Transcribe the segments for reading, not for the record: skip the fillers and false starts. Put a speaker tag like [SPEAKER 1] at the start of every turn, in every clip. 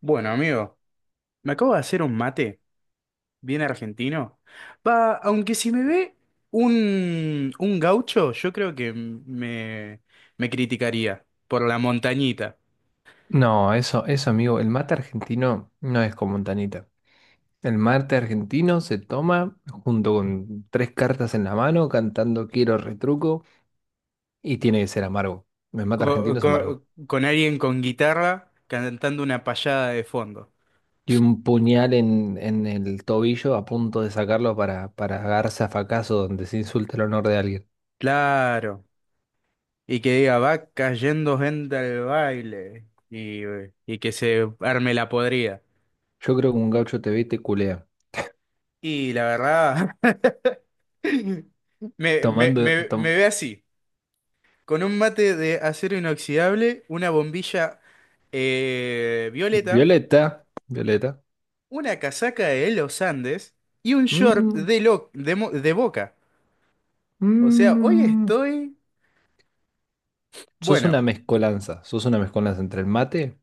[SPEAKER 1] Bueno, amigo, me acabo de hacer un mate, bien argentino. Va, aunque si me ve un gaucho, yo creo que me criticaría por la montañita,
[SPEAKER 2] No, eso, amigo, el mate argentino no es con Montanita. El mate argentino se toma junto con tres cartas en la mano, cantando Quiero retruco, y tiene que ser amargo. El mate argentino es amargo.
[SPEAKER 1] alguien con guitarra cantando una payada de fondo.
[SPEAKER 2] Y un puñal en el tobillo a punto de sacarlo para agarrarse a facazo donde se insulta el honor de alguien.
[SPEAKER 1] Claro, y que diga, va cayendo gente al baile, y que se arme la podrida.
[SPEAKER 2] Yo creo que un gaucho te ve y te culea.
[SPEAKER 1] Y la verdad,
[SPEAKER 2] Tomando.
[SPEAKER 1] me ve así. Con un mate de acero inoxidable, una bombilla violeta,
[SPEAKER 2] Violeta, Violeta.
[SPEAKER 1] una casaca de los Andes y un short
[SPEAKER 2] Mm,
[SPEAKER 1] de, lo- de, mo- de Boca. O sea, hoy
[SPEAKER 2] mm,
[SPEAKER 1] estoy...
[SPEAKER 2] sos
[SPEAKER 1] Bueno,
[SPEAKER 2] una mezcolanza. Sos una mezcolanza entre el mate.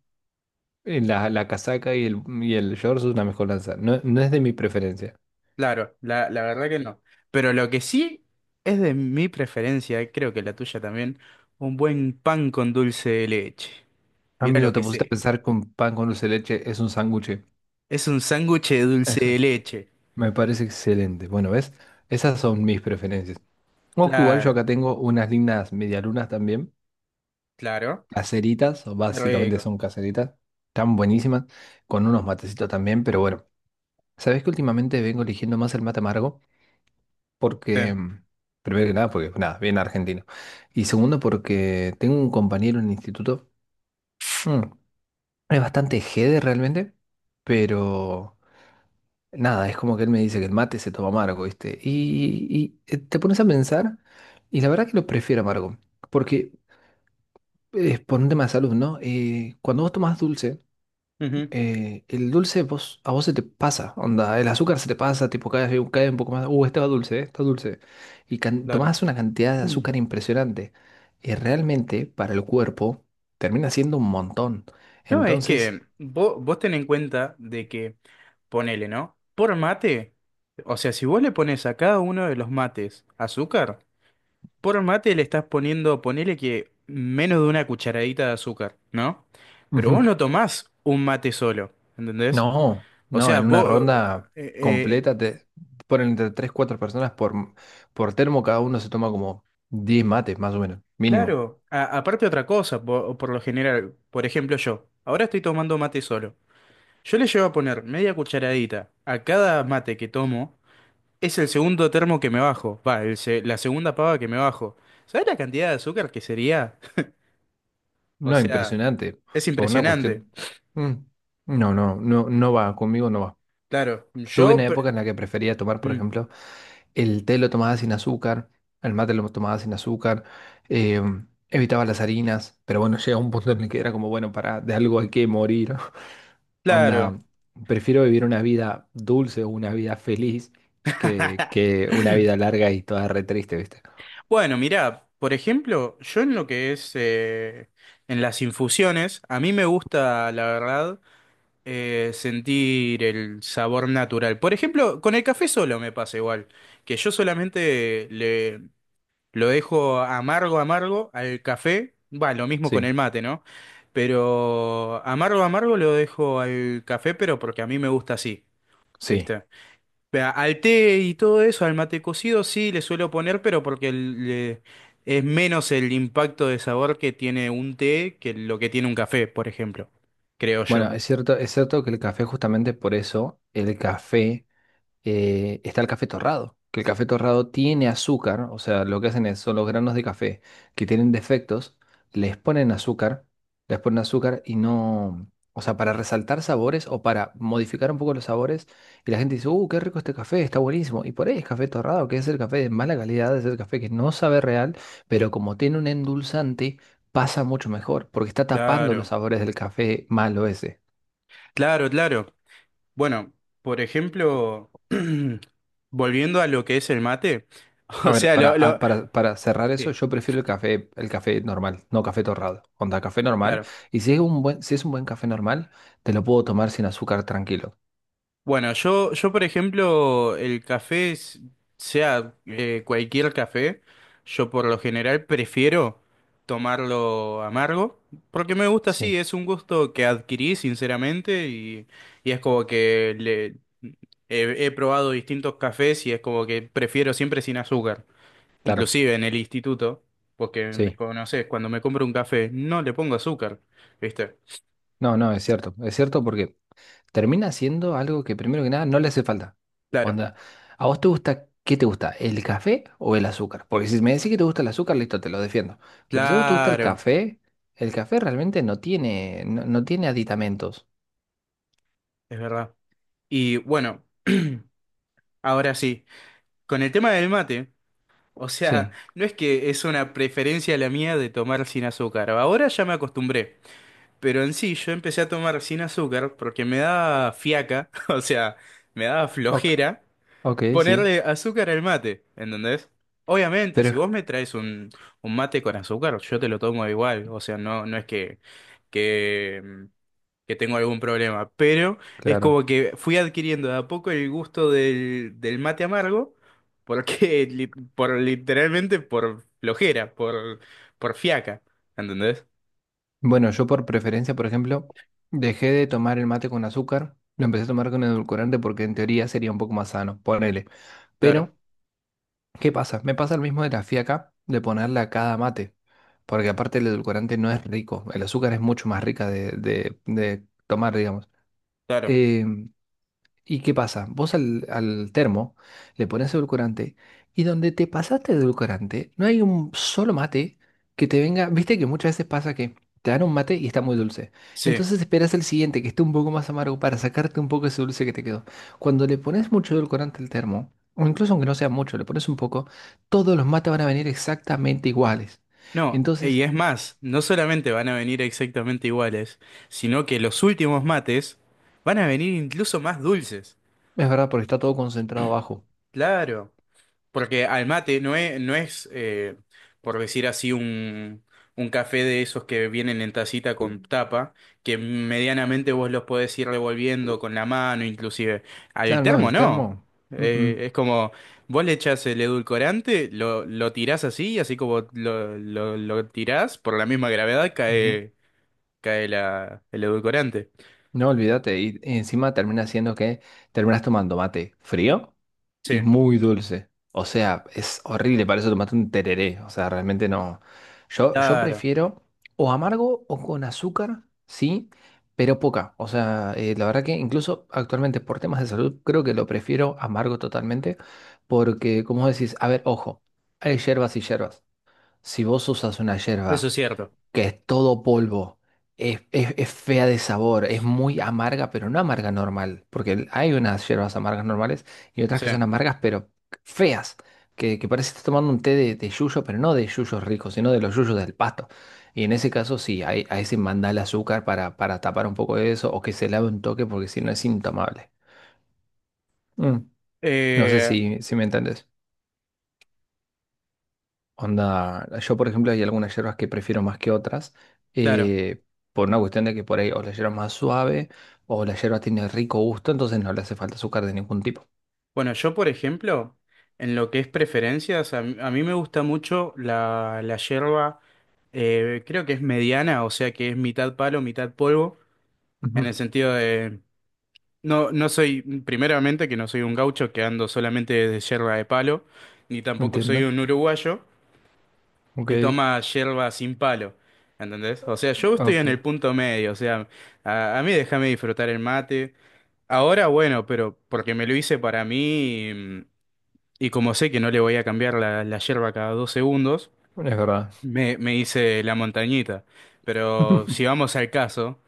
[SPEAKER 2] La casaca y el shorts es una mezcolanza. No, no es de mi preferencia.
[SPEAKER 1] claro, la verdad que no. Pero lo que sí es de mi preferencia, creo que la tuya también, un buen pan con dulce de leche. Mira
[SPEAKER 2] Amigo,
[SPEAKER 1] lo
[SPEAKER 2] te
[SPEAKER 1] que
[SPEAKER 2] pusiste a
[SPEAKER 1] sé.
[SPEAKER 2] pensar con pan con dulce de leche es un sándwich.
[SPEAKER 1] Es un sándwich de dulce
[SPEAKER 2] Eso
[SPEAKER 1] de leche.
[SPEAKER 2] me parece excelente. Bueno, ¿ves? Esas son mis preferencias. Ojo, igual yo
[SPEAKER 1] Claro,
[SPEAKER 2] acá tengo unas lindas medialunas también.
[SPEAKER 1] claro.
[SPEAKER 2] Caseritas, o
[SPEAKER 1] Qué
[SPEAKER 2] básicamente
[SPEAKER 1] rico.
[SPEAKER 2] son caseritas. Tan buenísimas. Con unos matecitos también, pero bueno. ¿Sabés que últimamente vengo eligiendo más el mate amargo?
[SPEAKER 1] Sí.
[SPEAKER 2] Porque, mm, Primero que nada, porque nada, bien argentino. Y segundo, porque tengo un compañero en el instituto. Mm, Es bastante jede realmente, pero nada, es como que él me dice que el mate se toma amargo, ¿viste? Te pones a pensar, y la verdad que lo prefiero amargo, porque es por un tema de salud, ¿no? Cuando vos tomás dulce,
[SPEAKER 1] Ujú,
[SPEAKER 2] el dulce vos, a vos se te pasa, onda, el azúcar se te pasa, tipo cae vez cae un poco más, este va dulce, está dulce, y
[SPEAKER 1] claro.
[SPEAKER 2] tomás una cantidad de azúcar impresionante, y realmente para el cuerpo termina siendo un montón,
[SPEAKER 1] No, es
[SPEAKER 2] entonces...
[SPEAKER 1] que vos ten en cuenta de que, ponele, ¿no? Por mate, o sea, si vos le pones a cada uno de los mates azúcar, por mate le estás poniendo, ponele que menos de una cucharadita de azúcar, ¿no? Pero vos
[SPEAKER 2] Ujú.
[SPEAKER 1] no tomás un mate solo, ¿entendés?
[SPEAKER 2] No,
[SPEAKER 1] O
[SPEAKER 2] no,
[SPEAKER 1] sea,
[SPEAKER 2] en una
[SPEAKER 1] vos,
[SPEAKER 2] ronda
[SPEAKER 1] eh, eh,
[SPEAKER 2] completa te ponen entre 3 4 personas por termo, cada uno se toma como 10 mates, más o menos, mínimo.
[SPEAKER 1] claro, a- aparte otra cosa, por lo general, por ejemplo yo, ahora estoy tomando mate solo. Yo le llevo a poner media cucharadita a cada mate que tomo. Es el segundo termo que me bajo. Va, el se- la segunda pava que me bajo. ¿Sabes la cantidad de azúcar que sería? O
[SPEAKER 2] No,
[SPEAKER 1] sea,
[SPEAKER 2] impresionante,
[SPEAKER 1] es
[SPEAKER 2] por una
[SPEAKER 1] impresionante.
[SPEAKER 2] cuestión. Mm, no va, conmigo no va.
[SPEAKER 1] Claro,
[SPEAKER 2] Tuve
[SPEAKER 1] yo...
[SPEAKER 2] una
[SPEAKER 1] pre-
[SPEAKER 2] época en la que prefería tomar, por
[SPEAKER 1] mm,
[SPEAKER 2] ejemplo, el té lo tomaba sin azúcar, el mate lo tomaba sin azúcar, eh, evitaba las harinas, pero bueno, llega un punto en el que era como, bueno, para de algo hay que morir.
[SPEAKER 1] claro.
[SPEAKER 2] Onda, prefiero vivir una vida dulce o una vida feliz que una vida larga y toda re triste, ¿viste?
[SPEAKER 1] Bueno, mirá, por ejemplo, yo en lo que es en las infusiones, a mí me gusta, la verdad, sentir el sabor natural. Por ejemplo, con el café solo me pasa igual, que yo solamente le, lo dejo amargo, amargo al café. Va, lo mismo con
[SPEAKER 2] Sí,
[SPEAKER 1] el mate, ¿no? Pero amargo, amargo lo dejo al café, pero porque a mí me gusta así,
[SPEAKER 2] sí.
[SPEAKER 1] ¿viste? Vea, al té y todo eso, al mate cocido, sí le suelo poner, pero porque le- es menos el impacto de sabor que tiene un té que lo que tiene un café, por ejemplo, creo
[SPEAKER 2] Bueno,
[SPEAKER 1] yo.
[SPEAKER 2] es cierto que el café, justamente por eso, el café. Está el café torrado, que el café torrado tiene azúcar, o sea, lo que hacen es, son los granos de café que tienen defectos, les ponen azúcar, les ponen azúcar y no, o sea, para resaltar sabores o para modificar un poco los sabores, y la gente dice, qué rico este café, está buenísimo, y por ahí es café torrado, que es el café de mala calidad, es el café que no sabe real, pero como tiene un endulzante, pasa mucho mejor, porque está tapando los
[SPEAKER 1] Claro,
[SPEAKER 2] sabores del café malo ese.
[SPEAKER 1] claro, claro. Bueno, por ejemplo, volviendo a lo que es el mate,
[SPEAKER 2] A
[SPEAKER 1] o
[SPEAKER 2] ver,
[SPEAKER 1] sea, lo...
[SPEAKER 2] para cerrar eso,
[SPEAKER 1] Sí,
[SPEAKER 2] yo prefiero el café normal, no café torrado. Onda, café normal.
[SPEAKER 1] claro.
[SPEAKER 2] Y si es un buen, si es un buen café normal, te lo puedo tomar sin azúcar tranquilo.
[SPEAKER 1] Bueno, yo por ejemplo, el café, sea cualquier café, yo por lo general prefiero tomarlo amargo, porque me gusta así,
[SPEAKER 2] Sí,
[SPEAKER 1] es un gusto que adquirí sinceramente y es como que le, he probado distintos cafés y es como que prefiero siempre sin azúcar,
[SPEAKER 2] claro,
[SPEAKER 1] inclusive en el instituto, porque me
[SPEAKER 2] sí.
[SPEAKER 1] conoces, cuando me compro un café no le pongo azúcar, ¿viste?
[SPEAKER 2] No, no, es cierto. Es cierto porque termina siendo algo que primero que nada no le hace falta.
[SPEAKER 1] Claro,
[SPEAKER 2] Onda, ¿a vos te gusta, qué te gusta? ¿El café o el azúcar? Porque si me decís que te gusta el azúcar, listo, te lo defiendo. Pero si a vos te gusta
[SPEAKER 1] claro,
[SPEAKER 2] el café realmente no tiene, no, no tiene aditamentos.
[SPEAKER 1] es verdad. Y bueno. Ahora sí, con el tema del mate, o sea,
[SPEAKER 2] Sí.
[SPEAKER 1] no es que es una preferencia la mía de tomar sin azúcar, ahora ya me acostumbré, pero en sí yo empecé a tomar sin azúcar porque me daba fiaca, o sea, me daba
[SPEAKER 2] Ok,
[SPEAKER 1] flojera
[SPEAKER 2] ok, sí.
[SPEAKER 1] ponerle azúcar al mate, ¿entendés? Obviamente,
[SPEAKER 2] Pero
[SPEAKER 1] si
[SPEAKER 2] es
[SPEAKER 1] vos me traes un mate con azúcar, yo te lo tomo igual, o sea, no, no es que que tengo algún problema, pero es
[SPEAKER 2] claro.
[SPEAKER 1] como que fui adquiriendo de a poco el gusto del mate amargo, porque li- por literalmente por flojera, por fiaca, ¿entendés?
[SPEAKER 2] Bueno, yo por preferencia, por ejemplo, dejé de tomar el mate con azúcar, lo empecé a tomar con edulcorante porque en teoría sería un poco más sano, ponele.
[SPEAKER 1] Claro,
[SPEAKER 2] Pero, ¿qué pasa? Me pasa el mismo de la fiaca, de ponerle a cada mate, porque aparte el edulcorante no es rico, el azúcar es mucho más rica de, de tomar, digamos.
[SPEAKER 1] claro,
[SPEAKER 2] Eh, ¿Y qué pasa? Vos al termo le pones edulcorante y donde te pasaste de edulcorante no hay un solo mate que te venga. Viste que muchas veces pasa que te dan un mate y está muy dulce.
[SPEAKER 1] sí.
[SPEAKER 2] Entonces esperas el siguiente que esté un poco más amargo para sacarte un poco ese dulce que te quedó. Cuando le pones mucho edulcorante al termo, o incluso aunque no sea mucho, le pones un poco, todos los mates van a venir exactamente iguales.
[SPEAKER 1] No, y
[SPEAKER 2] Entonces,
[SPEAKER 1] es más, no solamente van a venir exactamente iguales, sino que los últimos mates van a venir incluso más dulces.
[SPEAKER 2] es verdad porque está todo concentrado abajo.
[SPEAKER 1] Claro. Porque al mate no es, no es por decir así, un café de esos que vienen en tacita con tapa, que medianamente vos los podés ir revolviendo con la mano, inclusive. Al
[SPEAKER 2] Claro, no,
[SPEAKER 1] termo
[SPEAKER 2] el
[SPEAKER 1] no.
[SPEAKER 2] termo. Mm, mm.
[SPEAKER 1] Es como, vos le echás el edulcorante, lo tirás así, y así como lo tirás, por la misma gravedad
[SPEAKER 2] Ujú.
[SPEAKER 1] cae, cae el edulcorante.
[SPEAKER 2] No, olvídate. Y encima termina siendo que terminas tomando mate frío y
[SPEAKER 1] Sí,
[SPEAKER 2] muy dulce. O sea, es horrible. Para eso tomaste un tereré. O sea, realmente no. Yo
[SPEAKER 1] claro,
[SPEAKER 2] prefiero o amargo o con azúcar, sí, pero poca. O sea, la verdad que incluso actualmente por temas de salud creo que lo prefiero amargo totalmente. Porque, como decís, a ver, ojo, hay hierbas y hierbas. Si vos usas una
[SPEAKER 1] eso
[SPEAKER 2] hierba
[SPEAKER 1] es cierto.
[SPEAKER 2] que es todo polvo. Es, es fea de sabor, es muy amarga, pero no amarga normal, porque hay unas hierbas amargas normales y otras
[SPEAKER 1] Sí.
[SPEAKER 2] que son amargas, pero feas, que parece que estás tomando un té de yuyo, pero no de yuyos ricos, sino de los yuyos del pasto. Y en ese caso sí, ese mandale azúcar para tapar un poco de eso o que se lave un toque porque si no es intomable. Mm, no sé
[SPEAKER 1] Eh,
[SPEAKER 2] si me entendés. Onda, yo por ejemplo hay algunas hierbas que prefiero más que otras,
[SPEAKER 1] claro.
[SPEAKER 2] eh, por una cuestión de que por ahí o la hierba es más suave o la hierba tiene rico gusto, entonces no le hace falta azúcar de ningún tipo.
[SPEAKER 1] Bueno, yo por ejemplo, en lo que es preferencias, a mí me gusta mucho la yerba, creo que es mediana, o sea que es mitad palo, mitad polvo, en el
[SPEAKER 2] Ujú,
[SPEAKER 1] sentido de, no, no soy, primeramente que no soy un gaucho que ando solamente de yerba de palo, ni tampoco soy
[SPEAKER 2] entiendo.
[SPEAKER 1] un uruguayo
[SPEAKER 2] Ok,
[SPEAKER 1] que toma yerba sin palo, ¿entendés? O sea, yo estoy
[SPEAKER 2] ok,
[SPEAKER 1] en el
[SPEAKER 2] es
[SPEAKER 1] punto medio, o sea, a mí déjame disfrutar el mate. Ahora, bueno, pero porque me lo hice para mí. Y como sé que no le voy a cambiar la yerba cada dos segundos,
[SPEAKER 2] verdad.
[SPEAKER 1] me hice la montañita. Pero si vamos al caso,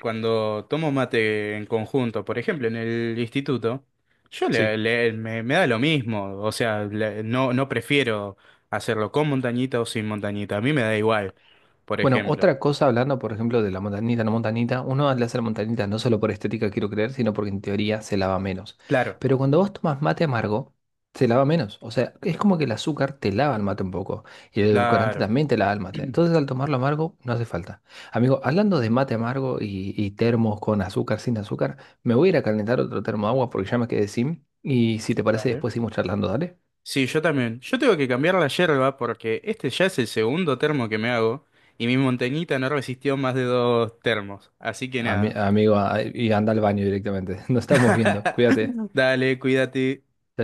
[SPEAKER 1] cuando tomo mate en conjunto, por ejemplo, en el instituto, yo le,
[SPEAKER 2] Sí.
[SPEAKER 1] le- me da lo mismo. O sea, no prefiero hacerlo con montañita o sin montañita. A mí me da igual, por
[SPEAKER 2] Bueno,
[SPEAKER 1] ejemplo.
[SPEAKER 2] otra cosa hablando, por ejemplo, de la montañita, no montañita, uno le hace la montañita no solo por estética, quiero creer, sino porque en teoría se lava menos.
[SPEAKER 1] Claro,
[SPEAKER 2] Pero cuando vos tomas mate amargo, se lava menos. O sea, es como que el azúcar te lava el mate un poco. Y el edulcorante
[SPEAKER 1] claro.
[SPEAKER 2] también te lava el mate. Entonces, al tomarlo amargo, no hace falta. Amigo, hablando de mate amargo y termos con azúcar, sin azúcar, me voy a ir a calentar otro termo de agua porque ya me quedé sin. Y si te parece,
[SPEAKER 1] Vale.
[SPEAKER 2] después seguimos charlando, dale.
[SPEAKER 1] Sí, yo también. Yo tengo que cambiar la yerba porque este ya es el segundo termo que me hago y mi montañita no resistió más de dos termos. Así que nada.
[SPEAKER 2] Amigo, y anda al baño directamente. Nos estamos viendo. Cuídate.
[SPEAKER 1] Dale, cuídate.
[SPEAKER 2] Chao,